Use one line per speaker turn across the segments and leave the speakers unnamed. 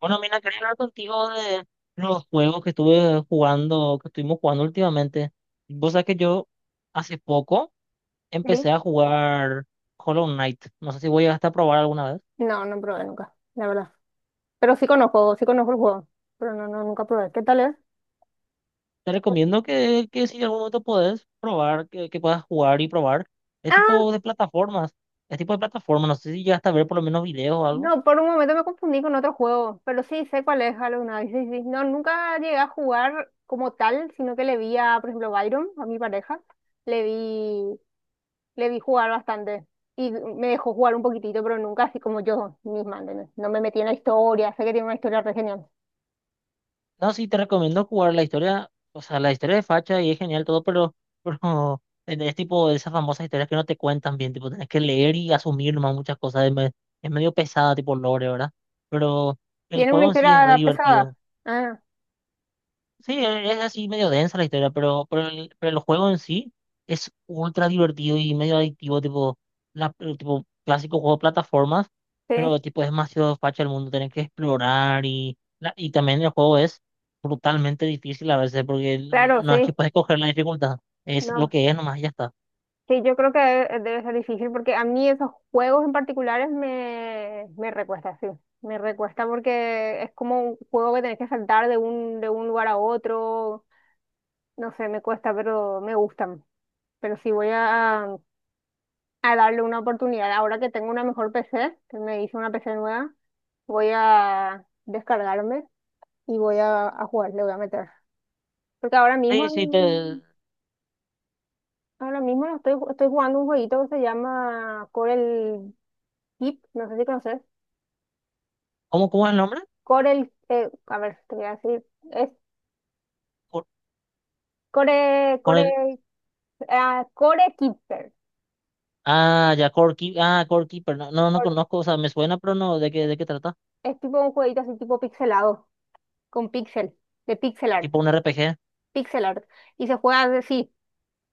Bueno, mira, quería hablar contigo de los juegos que estuve jugando, que estuvimos jugando últimamente. Vos sabés que yo hace poco
Sí.
empecé a jugar Hollow Knight. No sé si voy a probar alguna vez.
No, no probé nunca, la verdad. Pero sí conozco el juego. Pero no, no, nunca probé. ¿Qué tal es?
Te recomiendo que, si en algún momento podés probar, que puedas jugar y probar. Es
Ah,
tipo de plataformas. Es tipo de plataformas. No sé si llegaste a ver por lo menos videos o algo.
no, por un momento me confundí con otro juego. Pero sí, sé cuál es Hollow Knight. Sí, sí. No, nunca llegué a jugar como tal, sino que le vi a, por ejemplo, Byron, a mi pareja. Le vi, le vi jugar bastante. Y me dejó jugar un poquitito, pero nunca así como yo misma, ¿entendés? No me metí en la historia. Sé que tiene una historia re genial.
No, sí, te recomiendo jugar la historia, o sea, la historia de Facha y es genial todo, pero, pero es tipo de esas famosas historias que no te cuentan bien, tipo, tenés que leer y asumir nomás muchas cosas, es medio pesada, tipo lore, ¿verdad? Pero el
Tiene una
juego en sí es re
historia pesada.
divertido.
Ah,
Sí, es así medio densa la historia, pero el juego en sí es ultra divertido y medio adictivo, tipo, el tipo clásico juego de plataformas,
sí,
pero tipo es demasiado facha el mundo, tenés que explorar y y también el juego es brutalmente difícil a veces porque no
claro,
no es que
sí.
puedes escoger la dificultad, es lo
No.
que es nomás y ya está.
Sí, yo creo que debe, debe ser difícil porque a mí esos juegos en particulares me, me recuesta, sí. Me recuesta porque es como un juego que tenés que saltar de un lugar a otro. No sé, me cuesta, pero me gustan. Pero sí voy a darle una oportunidad. Ahora que tengo una mejor PC, que me hice una PC nueva, voy a descargarme y voy a jugar, le voy a meter. Porque ahora mismo,
Sí, sí, te,
ahora mismo estoy, estoy jugando un jueguito que se llama Corel Keep, no sé si conoces.
¿Cómo, es el nombre?
Corel, a ver, te voy a decir, es
Cor-
Core,
Con el,
Core, ah, Core Keeper.
ah, ya, ah, Core Keeper, no, no, no
Cor-
conozco, o sea, me suena, pero no, ¿de qué, trata?
Es tipo un jueguito así tipo pixelado, con pixel, de pixel art,
Tipo un RPG.
pixel art. Y se juega así,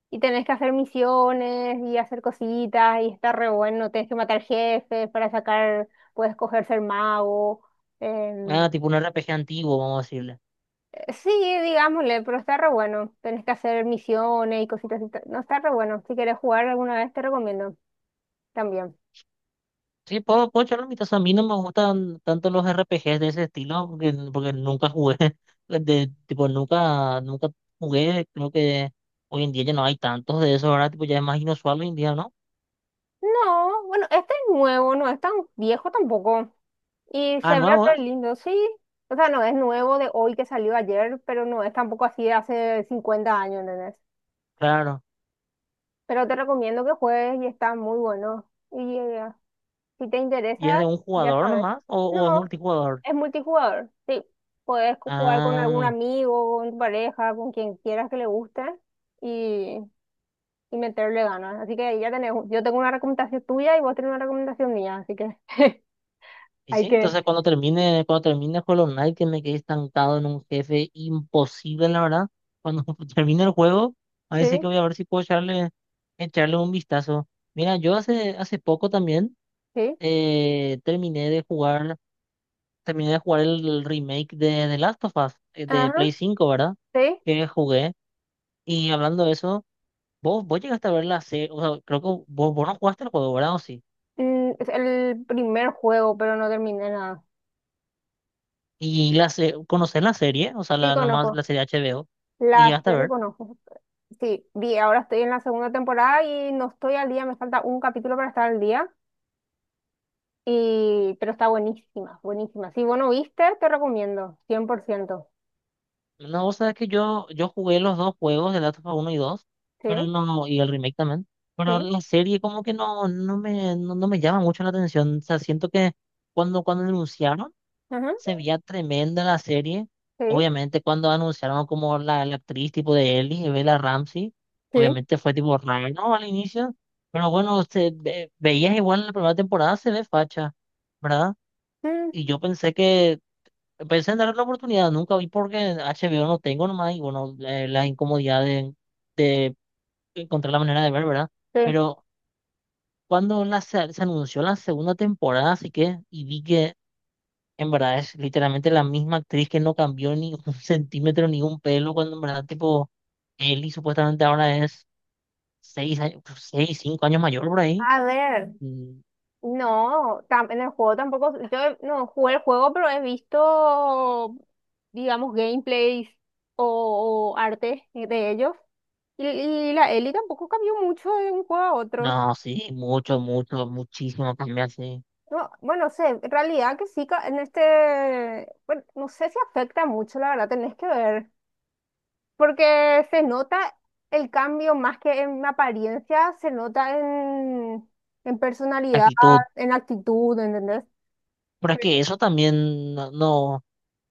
y tenés que hacer misiones y hacer cositas, y está re bueno, tenés que matar jefes para sacar, puedes coger ser mago. em,
Ah, tipo un R P G antiguo, vamos a decirle.
sí, digámosle, pero está re bueno. Tenés que hacer misiones y cositas. No está re bueno. Si quieres jugar alguna vez, te recomiendo también.
Sí, puedo echar la mitad. A mí no me gustan tanto los R P Gs de ese estilo porque, nunca jugué. De, tipo, nunca jugué. Creo que hoy en día ya no hay tantos de esos, ¿verdad? Tipo, ya es más inusual hoy en día, ¿no?
No, bueno, este es nuevo, no es tan viejo tampoco. Y
Ah,
se ve
nuevo
re
es.
lindo, sí. O sea, no es nuevo de hoy que salió ayer, pero no es tampoco así de hace 50 años, ¿entendés?
Claro.
Pero te recomiendo que juegues y está muy bueno. Y si te
¿Y es
interesa,
de un
ya
jugador
sabes.
nomás o es
No,
multijugador?
es multijugador, sí. Puedes jugar con algún
Ah.
amigo, con tu pareja, con quien quieras que le guste y, y meterle ganas. Así que ya tenés, yo tengo una recomendación tuya y vos tenés una recomendación mía, así que...
Y sí,
Hay que,
entonces cuando termine, Hollow Knight, que me quedé estancado en un jefe imposible, la verdad. Cuando termine el juego, a ver
sí,
si que voy a ver si puedo echarle, echarle un vistazo. Mira, yo hace, poco también
sí.
terminé de jugar, el remake de The Last of Us, de
Ajá,
Play 5, ¿verdad?
sí.
Que jugué. Y hablando de eso, vos, llegaste a ver la serie, o sea, creo que vos, no jugaste el juego, ¿verdad? ¿O sí?
Mm, es el primer juego, pero no terminé nada.
Y conocés la serie, o sea,
Sí,
la, nomás
conozco.
la serie HBO, y
La
llegaste a
serie
ver.
conozco. Sí, vi, ahora estoy en la segunda temporada y no estoy al día, me falta un capítulo para estar al día. Y, pero está buenísima, buenísima. Si vos no viste, te recomiendo, cien por ciento.
No, vos sabés que yo, jugué los dos juegos, el Last of Us 1 y dos, pero
Sí,
no, y el remake también. Pero
sí,
la serie como que no, no me, no, no me llama mucho la atención. O sea, siento que cuando, anunciaron,
ajá,
se veía tremenda la serie.
sí,
Obviamente cuando anunciaron como la actriz tipo de Ellie, Bella Ramsey,
sí.
obviamente fue tipo raro, ¿no? Al inicio. Pero bueno, veías igual en la primera temporada, se ve facha, ¿verdad?
Mm,
Y yo pensé en darle la oportunidad, nunca vi porque HBO no tengo nomás y bueno, la incomodidad de, de encontrar la manera de ver, ¿verdad?
sí.
Pero cuando se anunció la segunda temporada, así que, y vi que en verdad es literalmente la misma actriz que no cambió ni un centímetro ni un pelo, cuando en verdad tipo Ellie supuestamente ahora es 6 años, seis, 5 años mayor por ahí.
A ver,
Mm.
no, en el juego tampoco, yo no jugué el juego, pero he visto, digamos, gameplays o arte de ellos. Y la Ellie tampoco cambió mucho de un juego a otro.
No, sí, mucho, mucho, muchísimo cambia, sí,
No, bueno, no sé, en realidad que sí, en este, bueno, no sé si afecta mucho, la verdad, tenés que ver, porque se nota el cambio más que en apariencia, se nota en personalidad,
actitud.
en actitud, ¿entendés?
Pero es
Sí.
que eso también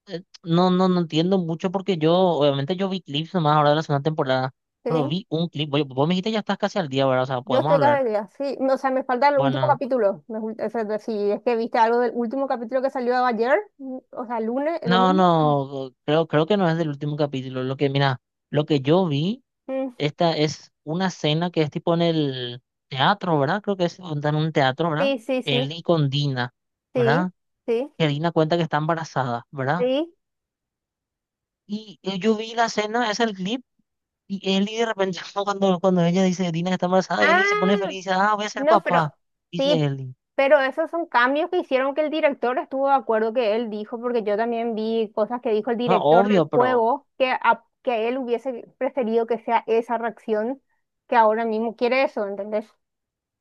no, no, no entiendo mucho porque yo, obviamente yo vi clips nomás ahora de la segunda temporada, pero
Sí.
vi un clip. Oye, vos me dijiste ya estás casi al día, ¿verdad? O sea,
Yo
podemos
estoy casi
hablar.
al día, sí. No, o sea, me falta el último
Bueno,
capítulo. O sea, si es que viste algo del último capítulo que salió ayer, o sea, lunes,
no,
domingo.
no, creo, que no es del último capítulo. Lo que, mira, lo que yo vi,
Mm,
esta es una escena que es tipo en el teatro, ¿verdad? Creo que es en un teatro, ¿verdad?
sí, sí,
Él
sí,
y con Dina,
sí,
¿verdad?
sí,
Que Dina cuenta que está embarazada, ¿verdad?
sí.
Y yo vi la escena, es el clip. Y Eli de repente, cuando, ella dice, Dina que está embarazada, Eli se pone
Ah,
feliz y dice, ah, voy a ser
no, pero
papá, dice
sí,
Eli.
pero esos son cambios que hicieron que el director estuvo de acuerdo que él dijo, porque yo también vi cosas que dijo el
No,
director del
obvio, pero
juego, que, que él hubiese preferido que sea esa reacción que ahora mismo quiere eso, ¿entendés?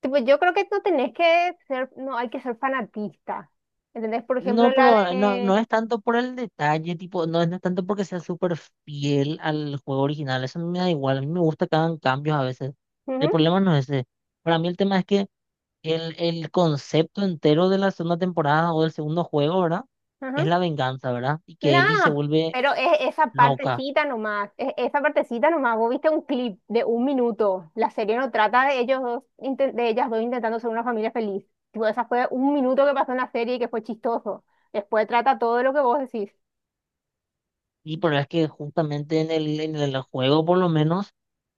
Tipo, yo creo que no tenés que ser, no hay que ser fanatista. ¿Entendés? Por ejemplo,
no,
la
no
de...
es tanto por el detalle, tipo, no es tanto porque sea súper fiel al juego original, eso a mí me da igual, a mí me gusta que hagan cambios a veces. El
Ujú,
problema no es ese. Para mí el tema es que el concepto entero de la segunda temporada o del segundo juego, ¿verdad?
ajá.
Es la venganza, ¿verdad? Y que Ellie se
Nah,
vuelve
pero es esa
loca.
partecita nomás, es esa partecita nomás. Vos viste un clip de 1 minuto. La serie no trata de ellos dos, de ellas dos intentando ser una familia feliz. Tipo, esa fue 1 minuto que pasó en la serie y que fue chistoso. Después trata todo lo que vos decís.
Y pero es que justamente en en el juego, por lo menos.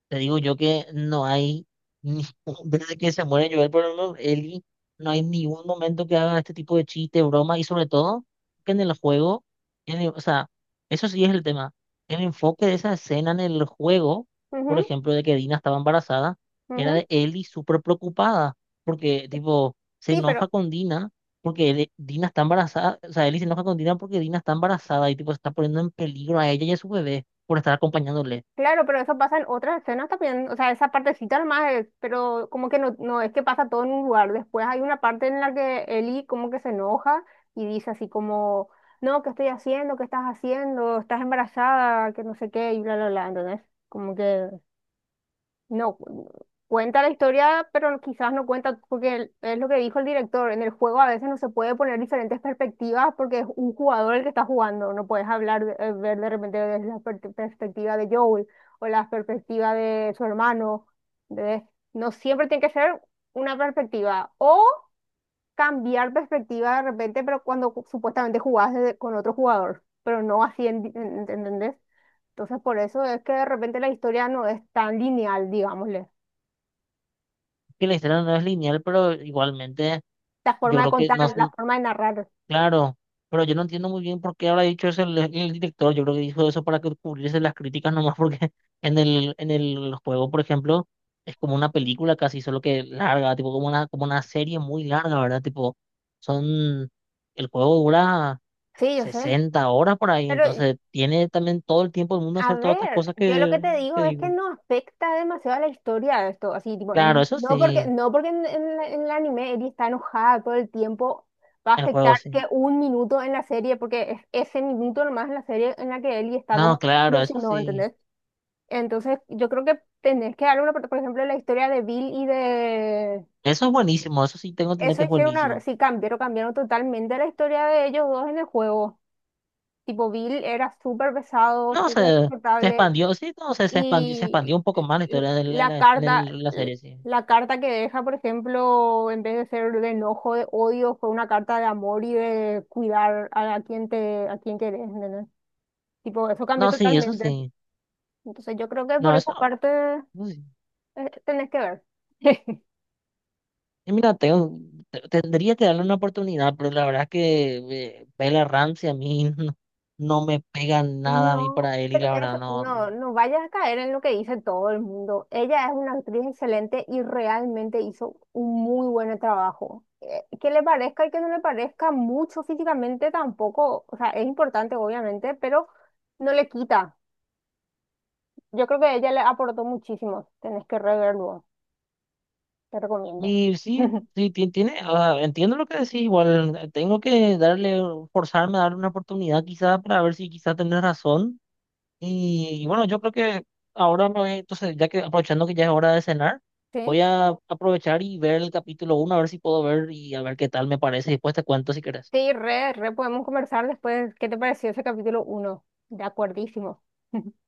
Te digo yo que no hay, ni- desde que se muere Joel por Eli, no hay ningún momento que hagan este tipo de chiste, broma, y sobre todo que en el juego, o sea, eso sí es el tema. El enfoque de esa escena en el juego, por
Ujú,
ejemplo, de que Dina estaba embarazada, era
ujú.
de Ellie súper preocupada, porque, tipo, se
Sí,
enoja
pero...
con Dina, porque Dina está embarazada, o sea, Ellie se enoja con Dina porque Dina está embarazada y, tipo, se está poniendo en peligro a ella y a su bebé por estar acompañándole.
Claro, pero eso pasa en otras escenas también, o sea, esa partecita nomás es, pero como que no, no es que pasa todo en un lugar. Después hay una parte en la que Eli como que se enoja y dice así como, no, ¿qué estoy haciendo? ¿Qué estás haciendo? ¿Estás embarazada? Que no sé qué, y bla, bla, bla. Entonces, como que no, cuenta la historia, pero quizás no cuenta, porque es lo que dijo el director, en el juego a veces no se puede poner diferentes perspectivas porque es un jugador el que está jugando, no puedes hablar, ver de repente desde la perspectiva de Joel o la perspectiva de su hermano, de- no siempre tiene que ser una perspectiva o cambiar perspectiva de repente, pero cuando supuestamente jugás con otro jugador, pero no así, ¿entendés? Entonces por eso es que de repente la historia no es tan lineal, digámosle.
Que la historia no es lineal, pero igualmente
La
yo
forma de
creo que
contar, la forma de narrar.
claro, pero yo no entiendo muy bien por qué habrá dicho eso el director, yo creo que dijo eso para que cubrirse las críticas nomás porque en en el juego, por ejemplo, es como una película casi, solo que larga, tipo como una serie muy larga, ¿verdad? Tipo, son, el juego dura
Sí, yo sé.
60 horas por ahí,
Pero,
entonces tiene también todo el tiempo del mundo
a
hacer todas estas
ver,
cosas
yo lo que
que,
te
que
digo es que
digo.
no afecta demasiado a la historia esto, así, tipo,
Claro, eso
no porque,
sí,
no porque en, en el anime Eri está enojada todo el tiempo, va a
el
afectar
juego
que
sí.
1 minuto en la serie, porque es ese minuto nomás en la serie en la que Eri está
No,
como
claro, eso
emocionado,
sí.
¿entendés? Entonces, yo creo que tenés que darle una, por ejemplo, la historia de Bill y de...
Eso es buenísimo, eso sí tengo entendido
Eso
que es
hicieron una...
buenísimo.
Sí, cambiaron, cambiaron totalmente la historia de ellos dos en el juego. Tipo, Bill era súper pesado,
No,
súper
se
insoportable.
expandió, sí, no, se expandió
Y
un poco más la historia de
la carta,
la serie, sí.
la carta que deja, por ejemplo, en vez de ser de enojo, de odio, fue una carta de amor y de cuidar a quien te, a quien querés, ¿entendés? Tipo, eso cambió
No, sí, eso
totalmente.
sí.
Entonces yo creo que
No,
por esa
eso,
parte
no, eso sí.
tenés que ver.
Y mira, tendría que darle una oportunidad, pero la verdad es que Bella Ramsey a mí no, no me pega nada a mí
No,
para él y
pero
la verdad
eso,
no.
no, no vayas a caer en lo que dice todo el mundo. Ella es una actriz excelente y realmente hizo un muy buen trabajo. Que le parezca y que no le parezca mucho físicamente tampoco, o sea, es importante obviamente, pero no le quita. Yo creo que ella le aportó muchísimo. Tenés que reverlo, te recomiendo.
Y sí, sí, tiene, ah, entiendo lo que decís, igual tengo que darle, forzarme a darle una oportunidad quizá para ver si quizá tenés razón. Y bueno, yo creo que ahora me voy, entonces, ya que aprovechando que ya es hora de cenar,
Sí,
voy a aprovechar y ver el capítulo 1 a ver si puedo ver y a ver qué tal me parece. Y después te cuento si querés.
sí, re, re, podemos conversar después. ¿Qué te pareció ese capítulo uno? De acuerdísimo.